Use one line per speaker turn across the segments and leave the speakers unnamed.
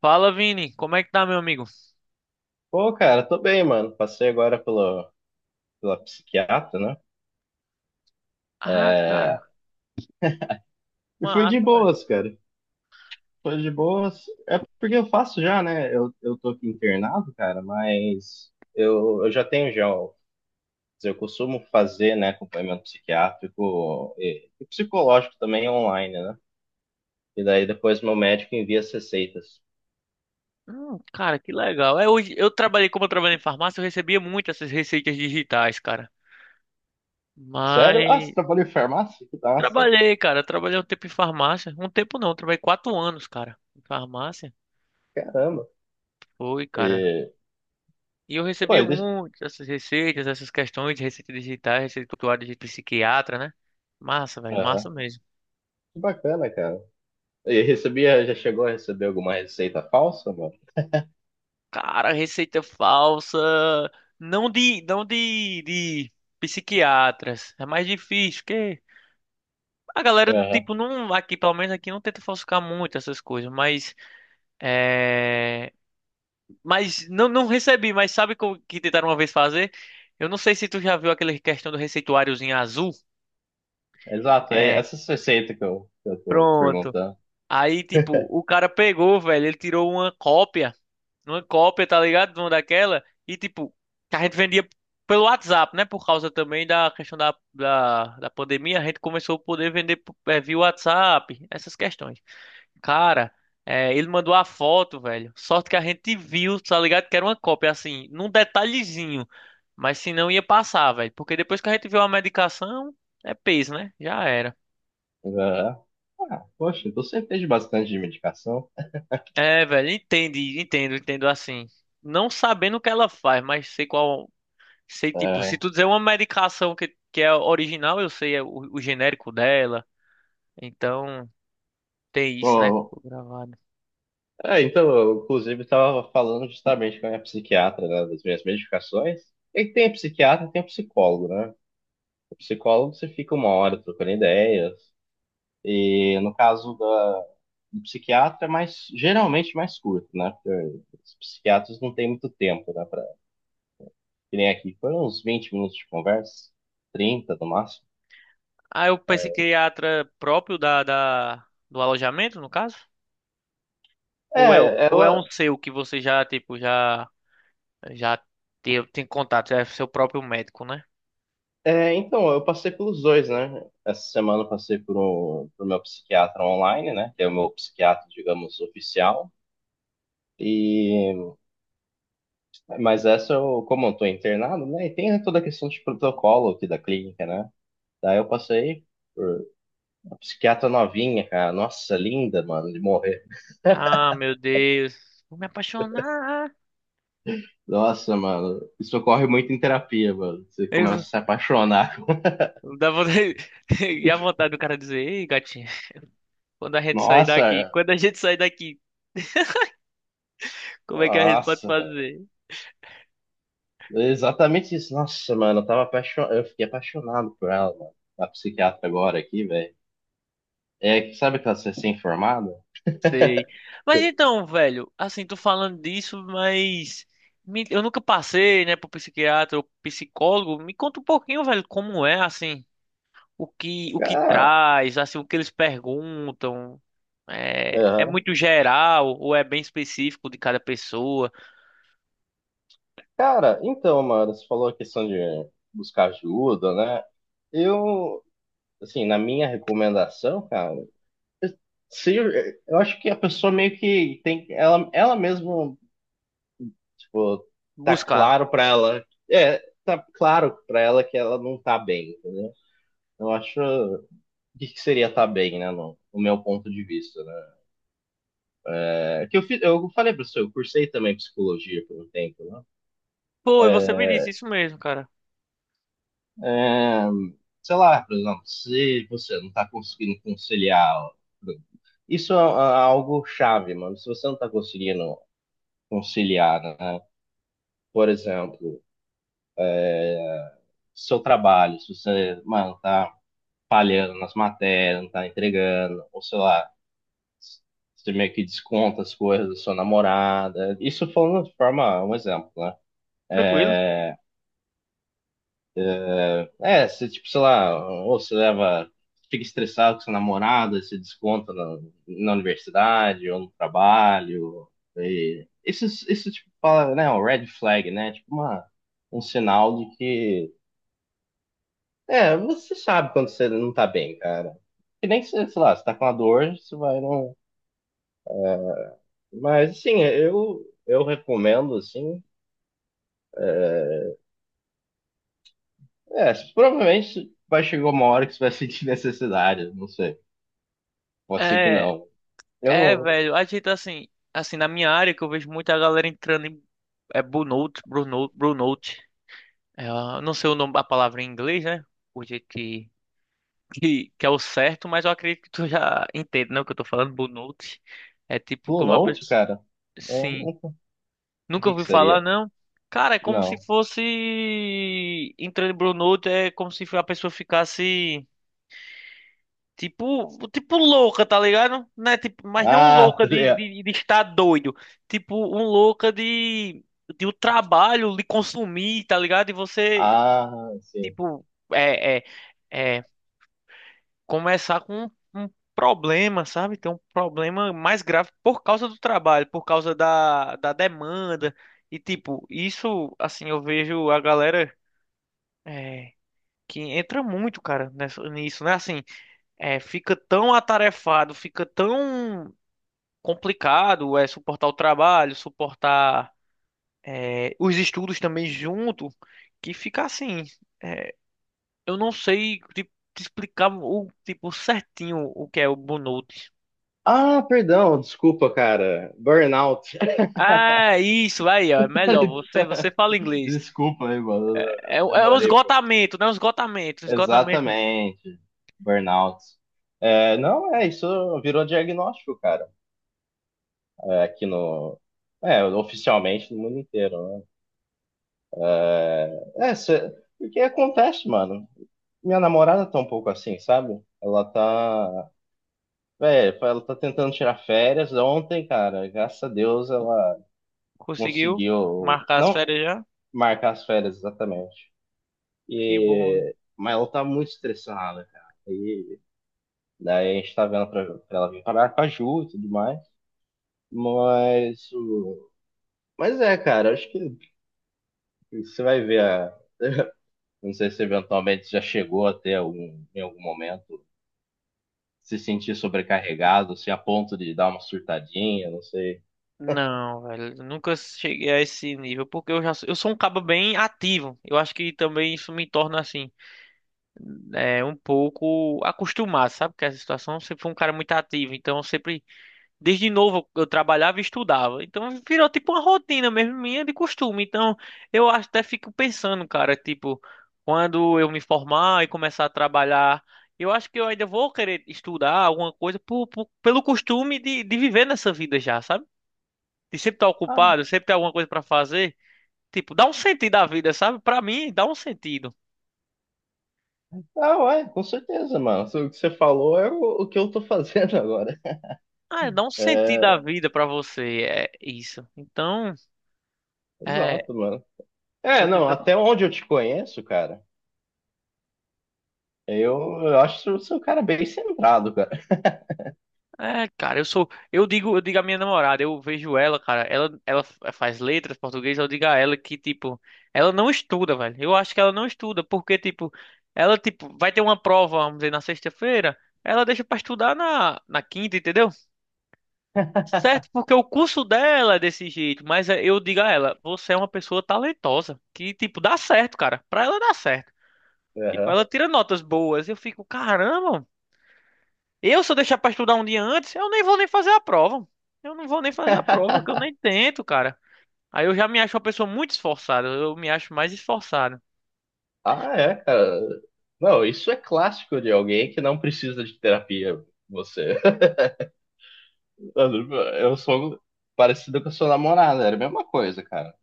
Fala, Vini. Como é que tá, meu amigo?
Pô, cara, tô bem, mano. Passei agora pela psiquiatra, né?
Ah, cara,
E fui de
massa, velho.
boas, cara. Foi de boas. É porque eu faço já, né? Eu tô aqui internado, cara, mas eu já tenho já. Quer dizer, eu costumo fazer, né, acompanhamento psiquiátrico e psicológico também online, né? E daí depois meu médico envia as receitas.
Cara, que legal. É, hoje eu trabalhei, como eu trabalhei em farmácia, eu recebia muito essas receitas digitais, cara.
Sério? Ah, você
Mas
trabalhou em farmácia? Que massa.
trabalhei, cara. Trabalhei um tempo em farmácia. Um tempo não, trabalhei 4 anos, cara, em farmácia.
Caramba.
Foi, cara.
E,
E eu
pô,
recebia
e deixa.
muito essas receitas, essas questões de receitas digitais, receita tutorial de psiquiatra, né? Massa, velho, massa
Aham.
mesmo.
Que bacana, cara. E recebia, já chegou a receber alguma receita falsa?
Cara, receita falsa. Não de psiquiatras. É mais difícil, porque a galera,
Aham.
tipo, não, aqui, pelo menos aqui, não tenta falsificar muito essas coisas, mas, é, mas não, não recebi, mas sabe o que tentaram uma vez fazer? Eu não sei se tu já viu aquela questão do receituáriozinho azul.
Exato, é
É,
essas receitas que eu tô
pronto.
perguntando.
Aí, tipo, o cara pegou, velho, ele tirou uma cópia numa cópia, tá ligado? Uma daquela. E tipo, que a gente vendia pelo WhatsApp, né? Por causa também da questão da pandemia, a gente começou a poder vender via WhatsApp, essas questões. Cara, ele mandou a foto, velho. Sorte que a gente viu, tá ligado? Que era uma cópia, assim, num detalhezinho. Mas se não ia passar, velho. Porque depois que a gente viu a medicação, é peso, né? Já era.
Aham. Ah, poxa, então você fez bastante de medicação.
É, velho, entendo assim. Não sabendo o que ela faz, mas sei qual. Sei, tipo, se
Aham.
tu dizer uma medicação que é original, eu sei é o genérico dela. Então, tem isso, né?
Bom,
Ficou gravado.
é, então, eu, inclusive, estava falando justamente com a minha psiquiatra, né, das minhas medicações. E tem psiquiatra, e tem psicólogo, né? O psicólogo você fica uma hora trocando ideias. E no caso da, do psiquiatra é mais, geralmente mais curto, né? Porque os psiquiatras não têm muito tempo, né, que nem aqui. Foram uns 20 minutos de conversa, 30 no máximo.
Ah, é o psiquiatra próprio do alojamento, no caso? Ou é,
É,
ou é um
ela.
seu que você já, tipo, já tem contato? É seu próprio médico, né?
É, então, eu passei pelos dois, né? Essa semana eu passei por um, pro meu psiquiatra online, né? Que é o meu psiquiatra, digamos, oficial. E, mas essa, eu, como eu tô internado, né? E tem toda a questão de protocolo aqui da clínica, né? Daí eu passei por uma psiquiatra novinha, cara. Nossa, linda, mano, de morrer.
Ah, meu Deus. Vou me apaixonar.
Nossa, mano, isso ocorre muito em terapia, mano. Você
Eu,
começa a se apaixonar.
eu dá vontade, e a vontade do cara dizer, ei, gatinha,
Nossa,
quando a gente sair daqui, como é que a gente pode
Nossa, velho.
fazer?
É exatamente isso. Nossa, mano, eu tava apaixonado. Eu fiquei apaixonado por ela, mano. A psiquiatra agora aqui, velho. É que sabe aquela recém-formada?
Sei. Mas então, velho, assim, tô falando disso, mas eu nunca passei, né, por psiquiatra ou psicólogo. Me conta um pouquinho, velho, como é, assim, o que
Cara,
traz, assim, o que eles perguntam. É, é
aham.
muito geral ou é bem específico de cada pessoa?
Cara, então, mano, você falou a questão de buscar ajuda, né? Eu, assim, na minha recomendação, cara, eu- se, eu acho que a pessoa meio que tem, ela mesmo, tipo, tá
Buscar.
claro pra ela, é, tá claro pra ela que ela não tá bem, entendeu? Eu acho. O que que seria estar bem, né, no meu ponto de vista, né? É, que eu falei para você, eu cursei também psicologia por um tempo, né?
Pô, e você me disse isso mesmo, cara.
É, sei lá, por exemplo, se você não está conseguindo conciliar, isso é algo chave, mano. Se você não está conseguindo conciliar, né? Por exemplo, seu trabalho, se você, mano, tá falhando nas matérias, não tá entregando, ou sei lá, você meio que desconta as coisas da sua namorada. Isso falando de forma, um exemplo, né?
Tranquilo.
É, você, tipo, sei lá, ou você leva, fica estressado com sua namorada se desconta na universidade ou no trabalho. E isso, tipo, fala, né, um red flag, né? Tipo, uma, um sinal de que, é, você sabe quando você não tá bem, cara. Que nem, você, sei lá, você tá com uma dor, você vai não. Mas, assim, eu recomendo, assim, é, provavelmente vai chegar uma hora que você vai sentir necessidade, não sei. Pode ser que
É,
não. Eu não,
velho, assim, na minha área que eu vejo muita galera entrando em burnout, burnout. É, eu não sei o nome, a palavra em inglês, né? O jeito que, que é o certo, mas eu acredito que tu já entende, né? O que eu tô falando, Bonucci. É tipo
Blue
como a
Note,
pessoa.
cara? Eu
Sim.
nunca- O
Nunca
que que
ouvi falar,
seria?
não. Cara, é como se
Não.
fosse. Entrando em Bonucci, é como se a pessoa ficasse. Tipo, tipo louca, tá ligado? Né? Tipo, mas não
Ah,
louca
tá ligado.
de estar doido. Tipo, um louca de o trabalho lhe consumir, tá ligado? E você,
Ah, sim.
tipo, é, é, é, começar com um problema, sabe? Ter um problema mais grave por causa do trabalho, por causa da demanda. E, tipo, isso, assim, eu vejo a galera é, que entra muito, cara, nessa, nisso, né? Assim, fica tão atarefado, fica tão complicado, suportar o trabalho, suportar os estudos também junto, que fica assim. é, eu não sei, tipo, te explicar o tipo certinho o que é o burnout.
Ah, perdão, desculpa, cara. Burnout.
Ah, isso aí, ó. É melhor. Você fala inglês.
Desculpa aí, mano.
É,
Eu
é um
demorei.
esgotamento, né? Um esgotamento.
Exatamente. Burnout. É, não, é, isso virou diagnóstico, cara. É, aqui no. É, oficialmente no mundo inteiro, né? É, porque acontece, mano. Minha namorada tá um pouco assim, sabe? Ela tá. Velho, ela tá tentando tirar férias. Ontem, cara, graças a Deus ela
Conseguiu
conseguiu
marcar as
não
férias já?
marcar as férias exatamente.
Que bom, velho.
Mas ela tá muito estressada, cara. E daí a gente tá vendo pra, ela vir parar com a Ju e tudo mais. Mas. o- Mas é, cara, acho que você vai ver. Não sei se eventualmente já chegou até algum, em algum momento se sentir sobrecarregado, se a ponto de dar uma surtadinha, não sei.
Não, velho. Eu nunca cheguei a esse nível. Porque eu sou um cabo bem ativo. Eu acho que também isso me torna assim. É, um pouco acostumado, sabe? Porque essa situação eu sempre fui um cara muito ativo. Então eu sempre, desde novo, eu trabalhava e estudava. Então virou tipo uma rotina mesmo minha de costume. Então eu até fico pensando, cara, tipo, quando eu me formar e começar a trabalhar, eu acho que eu ainda vou querer estudar alguma coisa pelo costume de viver nessa vida já, sabe? De sempre estar
Ah,
ocupado, sempre ter alguma coisa pra fazer. Tipo, dá um sentido à vida, sabe? Pra mim, dá um sentido.
Ah, ué, com certeza, mano. O que você falou é o que eu tô fazendo agora.
Ah, dá um sentido à
É,
vida pra você. É isso. Então, é.
exato, mano. É, não,
Você
até onde eu te conheço, cara, eu, eu acho que você é um cara bem centrado, cara.
é, cara, eu sou. Eu digo à minha namorada, eu vejo ela, cara. Ela faz letras português, eu digo a ela que, tipo, ela não estuda, velho. Eu acho que ela não estuda, porque, tipo, ela, tipo, vai ter uma prova, vamos dizer, na sexta-feira. Ela deixa pra estudar na quinta, entendeu? Certo, porque o curso dela é desse jeito. Mas é, eu digo a ela, você é uma pessoa talentosa, que, tipo, dá certo, cara. Pra ela dá certo. Tipo,
Aham.
ela tira notas boas. Eu fico, caramba, eu, se eu deixar pra estudar um dia antes, eu nem vou nem fazer a prova. Eu não vou nem fazer a prova, que eu nem tento, cara. Aí eu já me acho uma pessoa muito esforçada. Eu me acho mais esforçado.
Ah, é, cara. Não, isso é clássico de alguém que não precisa de terapia. Você. Eu sou parecido com a sua namorada, era a mesma coisa, cara.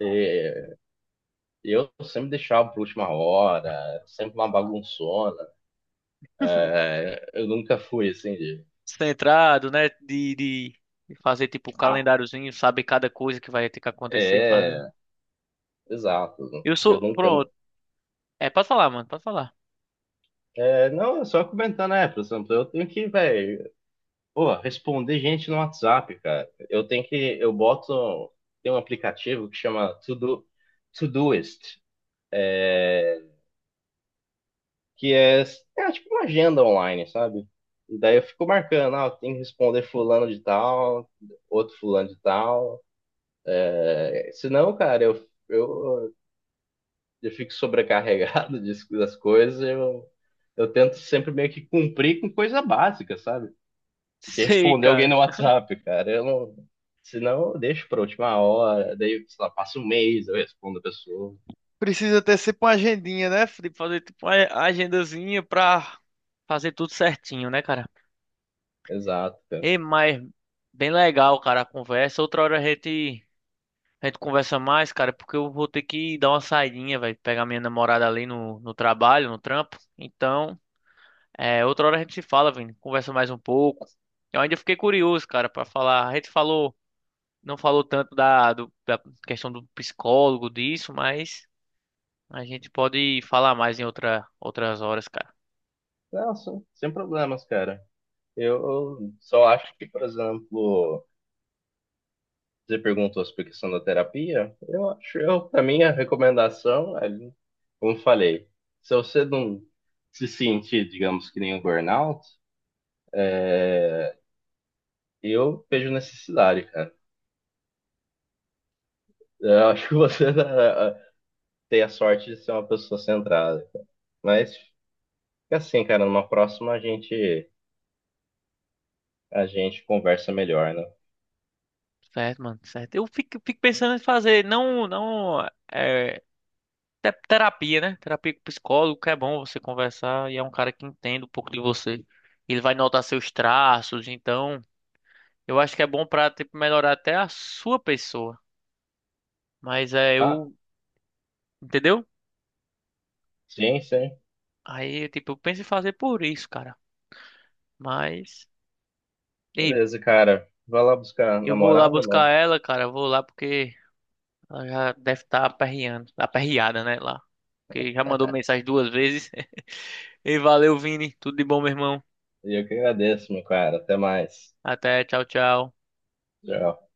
É, eu sempre deixava pra última hora, sempre uma bagunçona. É, eu nunca fui assim de.
Centrado, né? De fazer tipo um
Ah,
calendáriozinho, sabe cada coisa que vai ter que acontecer e fazer.
é, exato.
Eu
Eu
sou.
nunca.
Pronto. É, pode falar, mano, pode falar.
É, não, é só comentar, né, por exemplo, eu tenho que, velho, pô, responder gente no WhatsApp, cara. Eu tenho que, eu boto, tem um aplicativo que chama Todoist, é, que é tipo uma agenda online, sabe? E daí eu fico marcando, ah, eu tenho que responder fulano de tal, outro fulano de tal. É, senão, cara, eu, eu fico sobrecarregado das coisas, eu tento sempre meio que cumprir com coisa básica, sabe? De
Sei,
responder alguém
cara.
no WhatsApp, cara. Eu não, senão eu deixo pra última hora, daí, sei lá, passa um mês, eu respondo a pessoa.
Precisa ter sempre uma agendinha, né? De fazer tipo uma agendazinha pra fazer tudo certinho, né, cara?
Exato, cara.
E mas bem legal, cara, a conversa. Outra hora a gente. A gente conversa mais, cara, porque eu vou ter que dar uma saidinha, velho. Pegar minha namorada ali no trabalho, no trampo. Então, é, outra hora a gente se fala, Vini. Conversa mais um pouco. Eu ainda fiquei curioso, cara, pra falar. A gente falou, não falou tanto da questão do psicólogo, disso, mas a gente pode falar mais em outra, outras horas, cara.
Não, sem problemas, cara. Eu só acho que, por exemplo, você perguntou sobre a questão da terapia, eu acho, eu, pra mim, a recomendação, é, como eu falei, se você não se sentir, digamos, que nem um burnout, É, eu vejo necessidade, cara. Eu acho que você tem a sorte de ser uma pessoa centrada, cara. Mas fica assim, cara, numa próxima a gente conversa melhor, né?
Certo, mano, certo. Fico pensando em fazer, não, não é, é terapia, né? Terapia com psicólogo, que é bom você conversar e é um cara que entende um pouco de você. Ele vai notar seus traços, então eu acho que é bom pra, tipo, melhorar até a sua pessoa. Mas é,
Ah,
eu, entendeu?
sim, sim.
Aí, tipo, eu penso em fazer por isso, cara. Mas, ei,
Beleza, cara. Vai lá buscar a
eu vou lá
namorada,
buscar
mano.
ela, cara. Eu vou lá porque ela já deve estar aperreando, aperreada, né? Lá. Porque já mandou mensagem 2 vezes. E valeu, Vini. Tudo de bom, meu irmão.
E eu que agradeço, meu cara. Até mais.
Até, tchau, tchau.
Tchau.